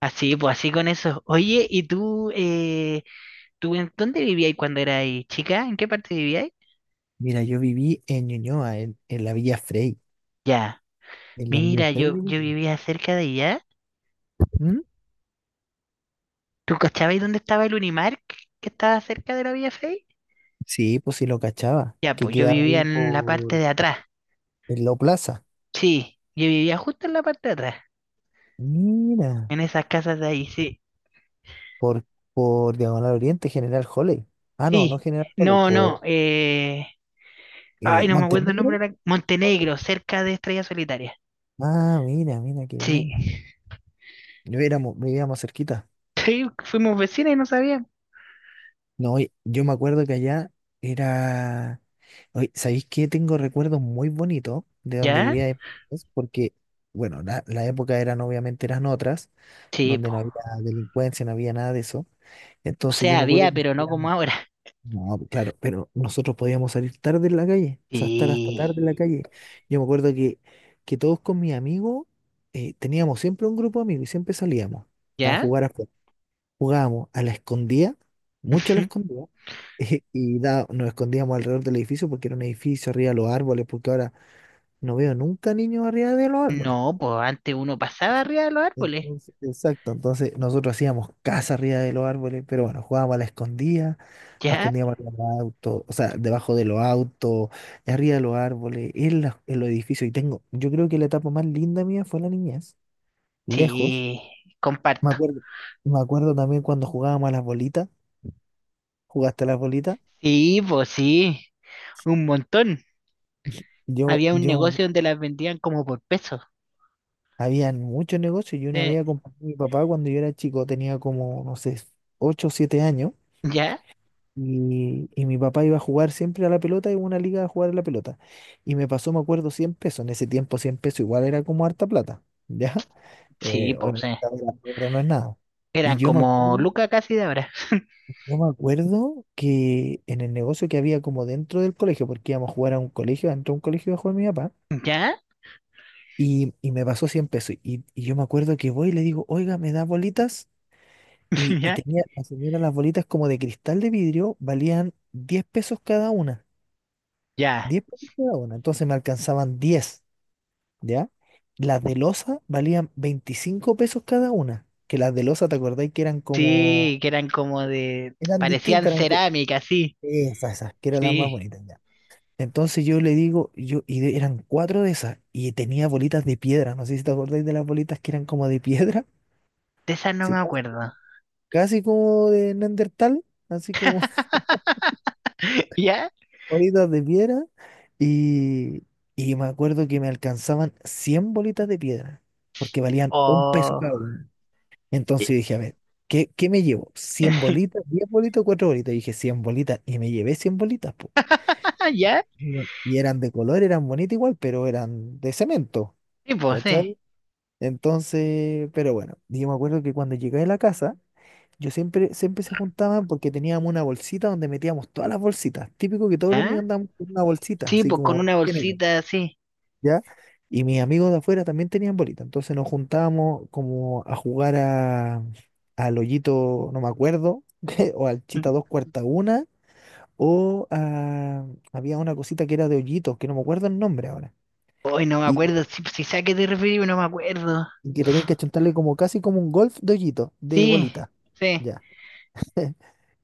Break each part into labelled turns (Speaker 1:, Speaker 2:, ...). Speaker 1: Así, pues así con eso. Oye, ¿y tú, tú en dónde vivías cuando eras chica? ¿En qué parte vivías?
Speaker 2: Mira, yo viví en Ñuñoa, en la Villa Frey.
Speaker 1: Ya,
Speaker 2: En la Villa
Speaker 1: mira,
Speaker 2: Frey,
Speaker 1: yo,
Speaker 2: viví
Speaker 1: yo
Speaker 2: yo.
Speaker 1: vivía cerca de allá.
Speaker 2: ¿Mm?
Speaker 1: ¿Tú cachabas dónde estaba el Unimark que estaba cerca de la Vía Fey?
Speaker 2: Sí, pues sí lo cachaba,
Speaker 1: Ya,
Speaker 2: que
Speaker 1: pues yo
Speaker 2: quedaba
Speaker 1: vivía
Speaker 2: ahí
Speaker 1: en la parte
Speaker 2: por
Speaker 1: de atrás.
Speaker 2: en la Plaza.
Speaker 1: Sí, yo vivía justo en la parte de atrás,
Speaker 2: Mira,
Speaker 1: en esas casas de ahí, sí.
Speaker 2: por, por Diagonal Oriente, General Holley. Ah, no, no
Speaker 1: Sí,
Speaker 2: General Holley,
Speaker 1: no, no,
Speaker 2: por
Speaker 1: eh... Ay, no me acuerdo el
Speaker 2: Montenegro.
Speaker 1: nombre, Montenegro, cerca de Estrella Solitaria.
Speaker 2: Ah, mira, mira, qué
Speaker 1: Sí,
Speaker 2: bien. Vivíamos cerquita.
Speaker 1: sí, fuimos vecinos y no sabíamos.
Speaker 2: No, y yo me acuerdo que allá era. Oye, ¿sabéis qué? Tengo recuerdos muy bonitos de donde
Speaker 1: ¿Ya?
Speaker 2: vivía después, porque, bueno, la época eran obviamente eran otras,
Speaker 1: Sí.
Speaker 2: donde no había delincuencia, no había nada de eso.
Speaker 1: O
Speaker 2: Entonces yo
Speaker 1: sea,
Speaker 2: me acuerdo
Speaker 1: había,
Speaker 2: que
Speaker 1: pero no como
Speaker 2: salían.
Speaker 1: ahora.
Speaker 2: No, pues, claro, pero nosotros podíamos salir tarde en la calle, o sea, estar hasta tarde
Speaker 1: Sí.
Speaker 2: en la calle. Yo me acuerdo que todos con mis amigos teníamos siempre un grupo de amigos y siempre salíamos a
Speaker 1: ¿Ya?
Speaker 2: jugar afuera. Jugábamos a la escondida, mucho a la escondida. Nos escondíamos alrededor del edificio porque era un edificio arriba de los árboles, porque ahora no veo nunca niños arriba de los árboles.
Speaker 1: No, pues antes uno pasaba arriba de los árboles.
Speaker 2: Entonces, exacto, entonces nosotros hacíamos casa arriba de los árboles, pero bueno, jugábamos a la escondida, nos
Speaker 1: ¿Ya?
Speaker 2: escondíamos arriba de los autos, o sea, debajo de los autos, arriba de los árboles, en, la- en los edificios. Yo creo que la etapa más linda mía fue la niñez, lejos.
Speaker 1: Sí,
Speaker 2: Me
Speaker 1: comparto.
Speaker 2: acuerdo, me acuerdo también cuando jugábamos a las bolitas. ¿Jugaste a las bolitas?
Speaker 1: Sí, pues sí, un montón.
Speaker 2: Yo,
Speaker 1: Había un
Speaker 2: yo,
Speaker 1: negocio donde las vendían como por peso.
Speaker 2: Habían muchos negocios. Yo una
Speaker 1: Sí.
Speaker 2: vez acompañé a mi papá cuando yo era chico, tenía como, no sé, 8 o 7 años.
Speaker 1: ¿Ya?
Speaker 2: Y mi papá iba a jugar siempre a la pelota, iba a una liga a jugar a la pelota. Y me pasó, me acuerdo, 100 pesos. En ese tiempo, 100 pesos igual era como harta plata. ¿Ya?
Speaker 1: Sí,
Speaker 2: Hoy en
Speaker 1: pues sí.
Speaker 2: día la plata no es nada. Y
Speaker 1: Eran como lucas casi de ahora.
Speaker 2: yo me acuerdo que en el negocio que había como dentro del colegio, porque íbamos a jugar a un colegio, dentro de un colegio iba a jugar mi papá.
Speaker 1: ¿Ya?
Speaker 2: Y me pasó 100 pesos. Y yo me acuerdo que voy y le digo, oiga, ¿me da bolitas? Y
Speaker 1: ¿Ya?
Speaker 2: tenía la señora las bolitas como de cristal de vidrio, valían 10 pesos cada una.
Speaker 1: Ya.
Speaker 2: 10 pesos cada una. Entonces me alcanzaban 10. ¿Ya? Las de losa valían 25 pesos cada una. Que las de losa, ¿te acordáis que eran como?
Speaker 1: Sí, que eran como de...
Speaker 2: Eran
Speaker 1: Parecían
Speaker 2: distintas, eran como.
Speaker 1: cerámica, sí.
Speaker 2: Esas, esas, que eran las más
Speaker 1: Sí.
Speaker 2: bonitas, ya. Entonces yo le digo, eran cuatro de esas, y tenía bolitas de piedra, no sé si te acordáis de las bolitas que eran como de piedra.
Speaker 1: De esas no me
Speaker 2: Sí,
Speaker 1: acuerdo.
Speaker 2: casi como de Neandertal, así como
Speaker 1: ¿Ya?
Speaker 2: bolitas de piedra. Y, y me acuerdo que me alcanzaban 100 bolitas de piedra, porque valían 1 peso
Speaker 1: Oh.
Speaker 2: cada una. Entonces dije, a ver, ¿qué me llevo? cien bolitas? ¿10 bolitas o 4 bolitas? Y dije, 100 bolitas. Y me llevé 100 bolitas, po.
Speaker 1: Ah, ya.
Speaker 2: Bueno. Y eran de color, eran bonitas igual, pero eran de cemento,
Speaker 1: Sí, pues,
Speaker 2: ¿cachai?
Speaker 1: sí.
Speaker 2: Entonces, pero bueno, yo me acuerdo que cuando llegué a la casa, yo siempre, siempre se juntaban porque teníamos una bolsita donde metíamos todas las bolsitas. Típico que todos los niños
Speaker 1: ¿Ya?
Speaker 2: andaban con una bolsita,
Speaker 1: Sí,
Speaker 2: así
Speaker 1: pues con
Speaker 2: como
Speaker 1: una
Speaker 2: género,
Speaker 1: bolsita así.
Speaker 2: ¿ya? Y mis amigos de afuera también tenían bolita. Entonces nos juntábamos como a jugar a, al hoyito, no me acuerdo, o al chita dos cuarta una, o a- había una cosita que era de hoyitos, que no me acuerdo el nombre ahora.
Speaker 1: Hoy no me
Speaker 2: Y,
Speaker 1: acuerdo. Si, si sé a qué te referí, no me acuerdo.
Speaker 2: y que tenían que achuntarle como casi como un golf de hoyito, de
Speaker 1: Sí,
Speaker 2: bolita.
Speaker 1: sí.
Speaker 2: Ya.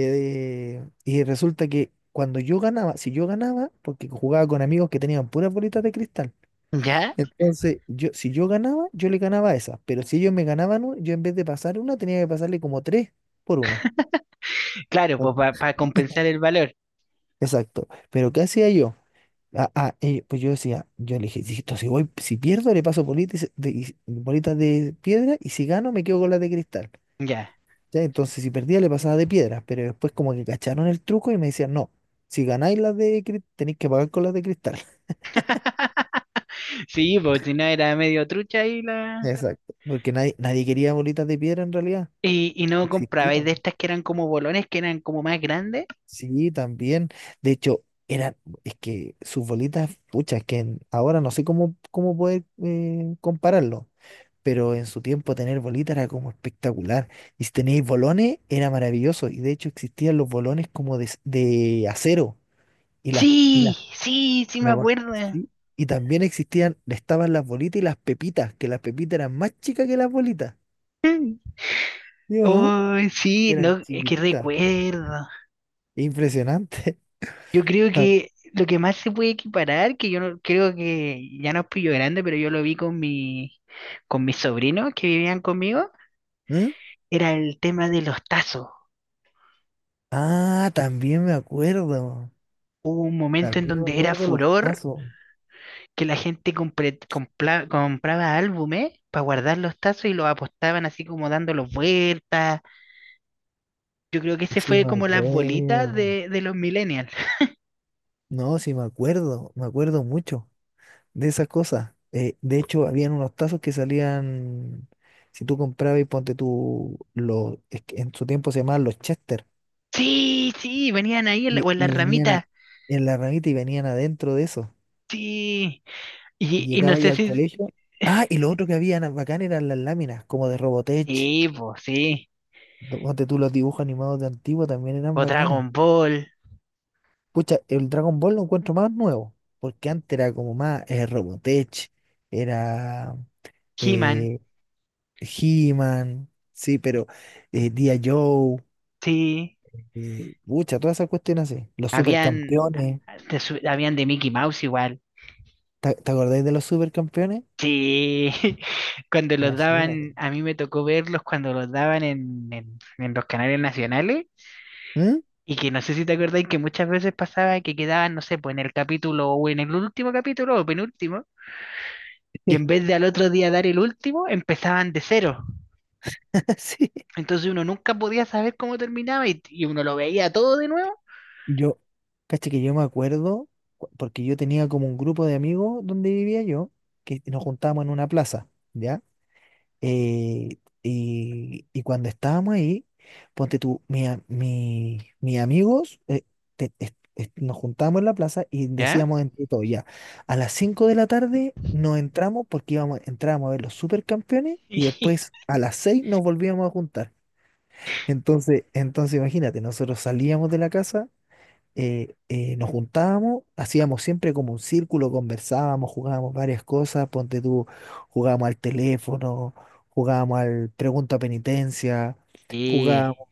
Speaker 2: Y resulta que cuando yo ganaba, si yo ganaba, porque jugaba con amigos que tenían puras bolitas de cristal,
Speaker 1: ¿Ya?
Speaker 2: entonces yo, si yo ganaba, yo le ganaba a esa, pero si ellos me ganaban, yo en vez de pasar una, tenía que pasarle como tres por una.
Speaker 1: Claro, pues
Speaker 2: En-
Speaker 1: para compensar el valor.
Speaker 2: Exacto. Pero ¿qué hacía yo? Pues yo decía, yo le dije, "Listo, si voy, si pierdo, le paso bolitas de, bolitas de piedra y si gano, me quedo con las de cristal.
Speaker 1: Ya.
Speaker 2: ¿Cachai? Entonces, si perdía, le pasaba de piedras, pero después como que cacharon el truco y me decían, no, si ganáis las de cristal, tenéis que pagar con las de cristal.
Speaker 1: Sí, pues si no era medio trucha y la.
Speaker 2: Exacto. Porque nadie, nadie quería bolitas de piedra en realidad.
Speaker 1: Y no
Speaker 2: No
Speaker 1: compraba. Y de
Speaker 2: existían.
Speaker 1: estas que eran como bolones, que eran como más grandes.
Speaker 2: Sí, también. De hecho, eran, es que sus bolitas, pucha, es que ahora no sé cómo, poder compararlo. Pero en su tiempo tener bolitas era como espectacular. Y si tenéis bolones, era maravilloso. Y de hecho existían los bolones como de acero. Y las
Speaker 1: Sí, sí, sí me
Speaker 2: Lo bu-
Speaker 1: acuerdo.
Speaker 2: sí. Y también existían, estaban las bolitas y las pepitas, que las pepitas eran más chicas que las bolitas. ¿Sí
Speaker 1: Mm.
Speaker 2: o no?
Speaker 1: Oh, sí,
Speaker 2: Eran
Speaker 1: no, es que
Speaker 2: chiquititas.
Speaker 1: recuerdo.
Speaker 2: Impresionante.
Speaker 1: Yo creo
Speaker 2: Ta-
Speaker 1: que lo que más se puede equiparar, que yo no- creo que ya no es pillo grande, pero yo lo vi con mis sobrinos que vivían conmigo,
Speaker 2: ¿Mm?
Speaker 1: era el tema de los tazos.
Speaker 2: Ah, también me acuerdo.
Speaker 1: Hubo un momento en
Speaker 2: También me
Speaker 1: donde era
Speaker 2: acuerdo los
Speaker 1: furor
Speaker 2: tazos.
Speaker 1: que la gente compraba álbumes para guardar los tazos y los apostaban así como dándolos vueltas. Yo creo que ese
Speaker 2: Sí,
Speaker 1: fue
Speaker 2: me
Speaker 1: como las bolitas
Speaker 2: acuerdo.
Speaker 1: de los millennials.
Speaker 2: No, sí, me acuerdo. Me acuerdo mucho de esas cosas. De hecho, habían unos tazos que salían. Si tú comprabas y ponte tú, es que en su tiempo se llamaban los Chester.
Speaker 1: Sí, sí, venían ahí
Speaker 2: Y,
Speaker 1: o en las
Speaker 2: y venían
Speaker 1: ramitas.
Speaker 2: en la ramita y venían adentro de eso.
Speaker 1: Sí.
Speaker 2: Y
Speaker 1: Y no
Speaker 2: llegaba ahí
Speaker 1: sé
Speaker 2: al
Speaker 1: si...
Speaker 2: colegio. Ah, y lo otro que había bacán eran las láminas, como de Robotech.
Speaker 1: Sí, pues sí.
Speaker 2: Ponte tú los dibujos animados de antiguo también eran
Speaker 1: O
Speaker 2: bacanes.
Speaker 1: Dragon Ball,
Speaker 2: Pucha, el Dragon Ball lo encuentro más nuevo, porque antes era como más Robotech, era
Speaker 1: He-Man,
Speaker 2: eh, He-Man, sí, pero G.I. Joe,
Speaker 1: sí,
Speaker 2: pucha, todas esas cuestiones así. Los
Speaker 1: habían
Speaker 2: supercampeones,
Speaker 1: habían de Mickey Mouse igual,
Speaker 2: ¿te acordáis de los supercampeones?
Speaker 1: sí, cuando los
Speaker 2: Imagínate.
Speaker 1: daban, a mí me tocó verlos cuando los daban en los canales nacionales.
Speaker 2: ¿Mm?
Speaker 1: Y que no sé si te acordáis que muchas veces pasaba que quedaban, no sé, pues en el capítulo o en el último capítulo o penúltimo, y en vez de al otro día dar el último, empezaban de cero.
Speaker 2: Sí.
Speaker 1: Entonces uno nunca podía saber cómo terminaba y uno lo veía todo de nuevo,
Speaker 2: Yo, Caché que yo me acuerdo, porque yo tenía como un grupo de amigos donde vivía yo, que nos juntábamos en una plaza, ¿ya? Y cuando estábamos ahí, ponte tú, mis amigos, nos juntábamos en la plaza y
Speaker 1: ¿ya?
Speaker 2: decíamos entre todos, ya, a las 5 de la tarde nos entramos porque entrábamos a ver los supercampeones y después a las 6 nos volvíamos a juntar. Entonces imagínate, nosotros salíamos de la casa nos juntábamos, hacíamos siempre como un círculo, conversábamos, jugábamos varias cosas, ponte tú, jugábamos al teléfono, jugábamos al pregunta penitencia,
Speaker 1: Y,
Speaker 2: jugábamos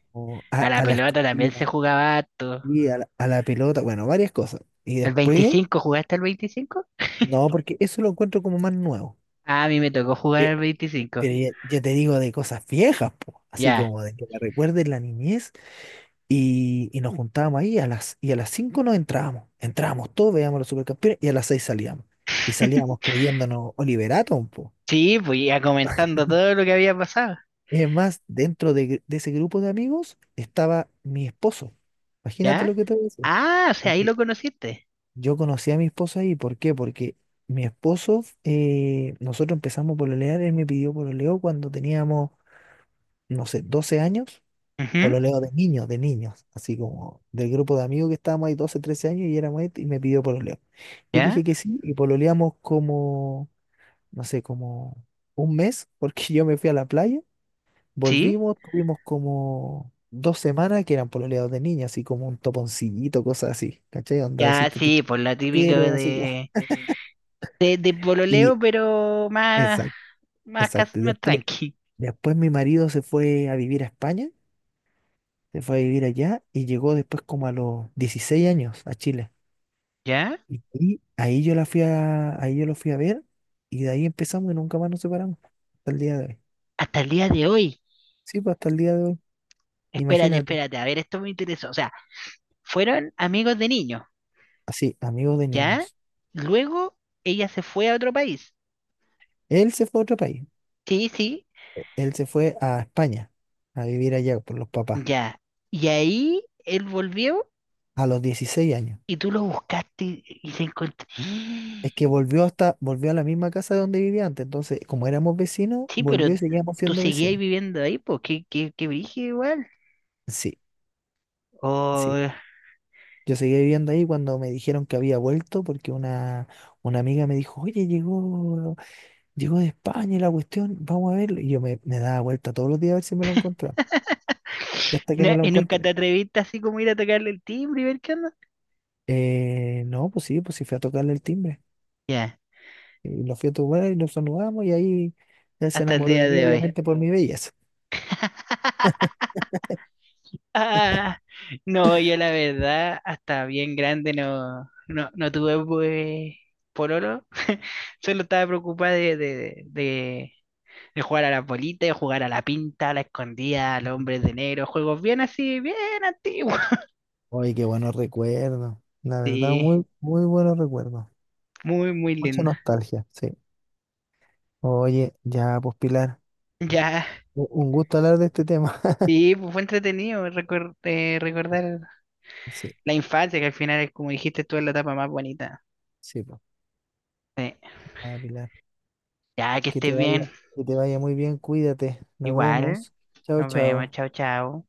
Speaker 2: a,
Speaker 1: a la
Speaker 2: a la
Speaker 1: pelota también se
Speaker 2: escondida
Speaker 1: jugaba harto.
Speaker 2: y a la pelota, bueno, varias cosas. Y
Speaker 1: ¿El
Speaker 2: después,
Speaker 1: 25? ¿Jugaste al 25?
Speaker 2: no, porque eso lo encuentro como más nuevo.
Speaker 1: Ah, a mí me tocó jugar
Speaker 2: Eh,
Speaker 1: al 25.
Speaker 2: Pero ya, ya te digo de cosas viejas, po, así
Speaker 1: Ya.
Speaker 2: como de que me recuerden la niñez. Y nos juntábamos ahí a y a las 5 nos entrábamos. Entrábamos todos, veíamos los supercampeones y a las 6 salíamos. Y salíamos creyéndonos Oliverato un poco.
Speaker 1: Sí, pues ya comentando todo lo que había pasado.
Speaker 2: Es más, dentro de ese grupo de amigos estaba mi esposo. Imagínate lo
Speaker 1: ¿Ya?
Speaker 2: que te voy a decir.
Speaker 1: Ah, o sea, ahí
Speaker 2: Porque
Speaker 1: lo conociste.
Speaker 2: yo conocí a mi esposo ahí. ¿Por qué? Porque mi esposo, nosotros empezamos por pololear, él me pidió pololeó cuando teníamos, no sé, 12 años.
Speaker 1: Ujú.
Speaker 2: Pololeo de niños, así como del grupo de amigos que estábamos ahí 12 13 años y éramos este, y me pidió pololeo. Yo le
Speaker 1: ¿Ya?
Speaker 2: dije que sí y pololeamos como, no sé, como un mes, porque yo me fui a la playa,
Speaker 1: ¿Sí?
Speaker 2: volvimos, tuvimos como 2 semanas que eran pololeos de niños, así como un toponcillito, cosas así, ¿cachai? Onda,
Speaker 1: Ya,
Speaker 2: decirte te
Speaker 1: sí, por la
Speaker 2: te
Speaker 1: típica
Speaker 2: quiero, así como.
Speaker 1: de
Speaker 2: Y
Speaker 1: pololeo, pero más,
Speaker 2: exacto, exacto. Y
Speaker 1: más
Speaker 2: Después,
Speaker 1: tranqui.
Speaker 2: después mi marido se fue a vivir a España, se fue a vivir allá y llegó después como a los 16 años a Chile.
Speaker 1: ¿Ya?
Speaker 2: Y ahí yo lo fui a ver y de ahí empezamos y nunca más nos separamos. Hasta el día de hoy.
Speaker 1: Hasta el día de hoy.
Speaker 2: Sí, pues hasta el día de hoy.
Speaker 1: Espérate,
Speaker 2: Imagínate.
Speaker 1: espérate, a ver, esto me interesó. O sea, fueron amigos de niño.
Speaker 2: Así, amigos de
Speaker 1: ¿Ya?
Speaker 2: niños.
Speaker 1: Luego ella se fue a otro país.
Speaker 2: Él se fue a otro país.
Speaker 1: Sí, sí,
Speaker 2: Él se fue a España a vivir allá por los papás
Speaker 1: ya. Y ahí él volvió
Speaker 2: a los 16 años.
Speaker 1: y tú lo buscaste y se encontró.
Speaker 2: Es que volvió a la misma casa donde vivía antes. Entonces, como éramos vecinos,
Speaker 1: Sí, pero
Speaker 2: volvió y seguíamos
Speaker 1: tú
Speaker 2: siendo
Speaker 1: seguías
Speaker 2: vecinos.
Speaker 1: viviendo ahí, pues qué, qué, qué brígido igual.
Speaker 2: Sí, sí.
Speaker 1: O
Speaker 2: Yo seguí viviendo ahí cuando me dijeron que había vuelto porque una amiga me dijo, oye, llegó de España y la cuestión, vamos a verlo. Y yo me daba vuelta todos los días a ver si me lo encontraba. Y hasta que me lo
Speaker 1: y nunca
Speaker 2: encontré.
Speaker 1: te atreviste así como ir a tocarle el timbre y ver qué onda.
Speaker 2: No, pues sí fui a tocarle el timbre.
Speaker 1: Ya,
Speaker 2: Y lo fui a tocar y nos saludamos y ahí él se
Speaker 1: hasta el
Speaker 2: enamoró de
Speaker 1: día
Speaker 2: mí,
Speaker 1: de hoy.
Speaker 2: obviamente por mi belleza.
Speaker 1: Ah, no, yo la verdad, hasta bien grande no, no, no tuve pues, pololo. Solo estaba preocupada de jugar a la bolita, de jugar a la pinta, a la escondida, al hombre de negro. Juegos bien así, bien antiguos.
Speaker 2: Oye, qué buenos recuerdos. La verdad,
Speaker 1: Sí,
Speaker 2: muy, muy buenos recuerdos.
Speaker 1: muy, muy
Speaker 2: Mucha
Speaker 1: lindo.
Speaker 2: nostalgia, sí. Oye, ya, pues Pilar,
Speaker 1: Ya,
Speaker 2: un gusto hablar de este tema.
Speaker 1: sí, pues fue entretenido recordar
Speaker 2: Sí,
Speaker 1: la infancia, que al final, es, como dijiste tú, es la etapa más bonita.
Speaker 2: sí, pues.
Speaker 1: Sí.
Speaker 2: Ah, Pilar,
Speaker 1: Ya, que
Speaker 2: que te
Speaker 1: estés
Speaker 2: vaya,
Speaker 1: bien.
Speaker 2: que te vaya muy bien, cuídate. Nos
Speaker 1: Igual,
Speaker 2: vemos. Chao,
Speaker 1: nos vemos,
Speaker 2: chao.
Speaker 1: chao, chao.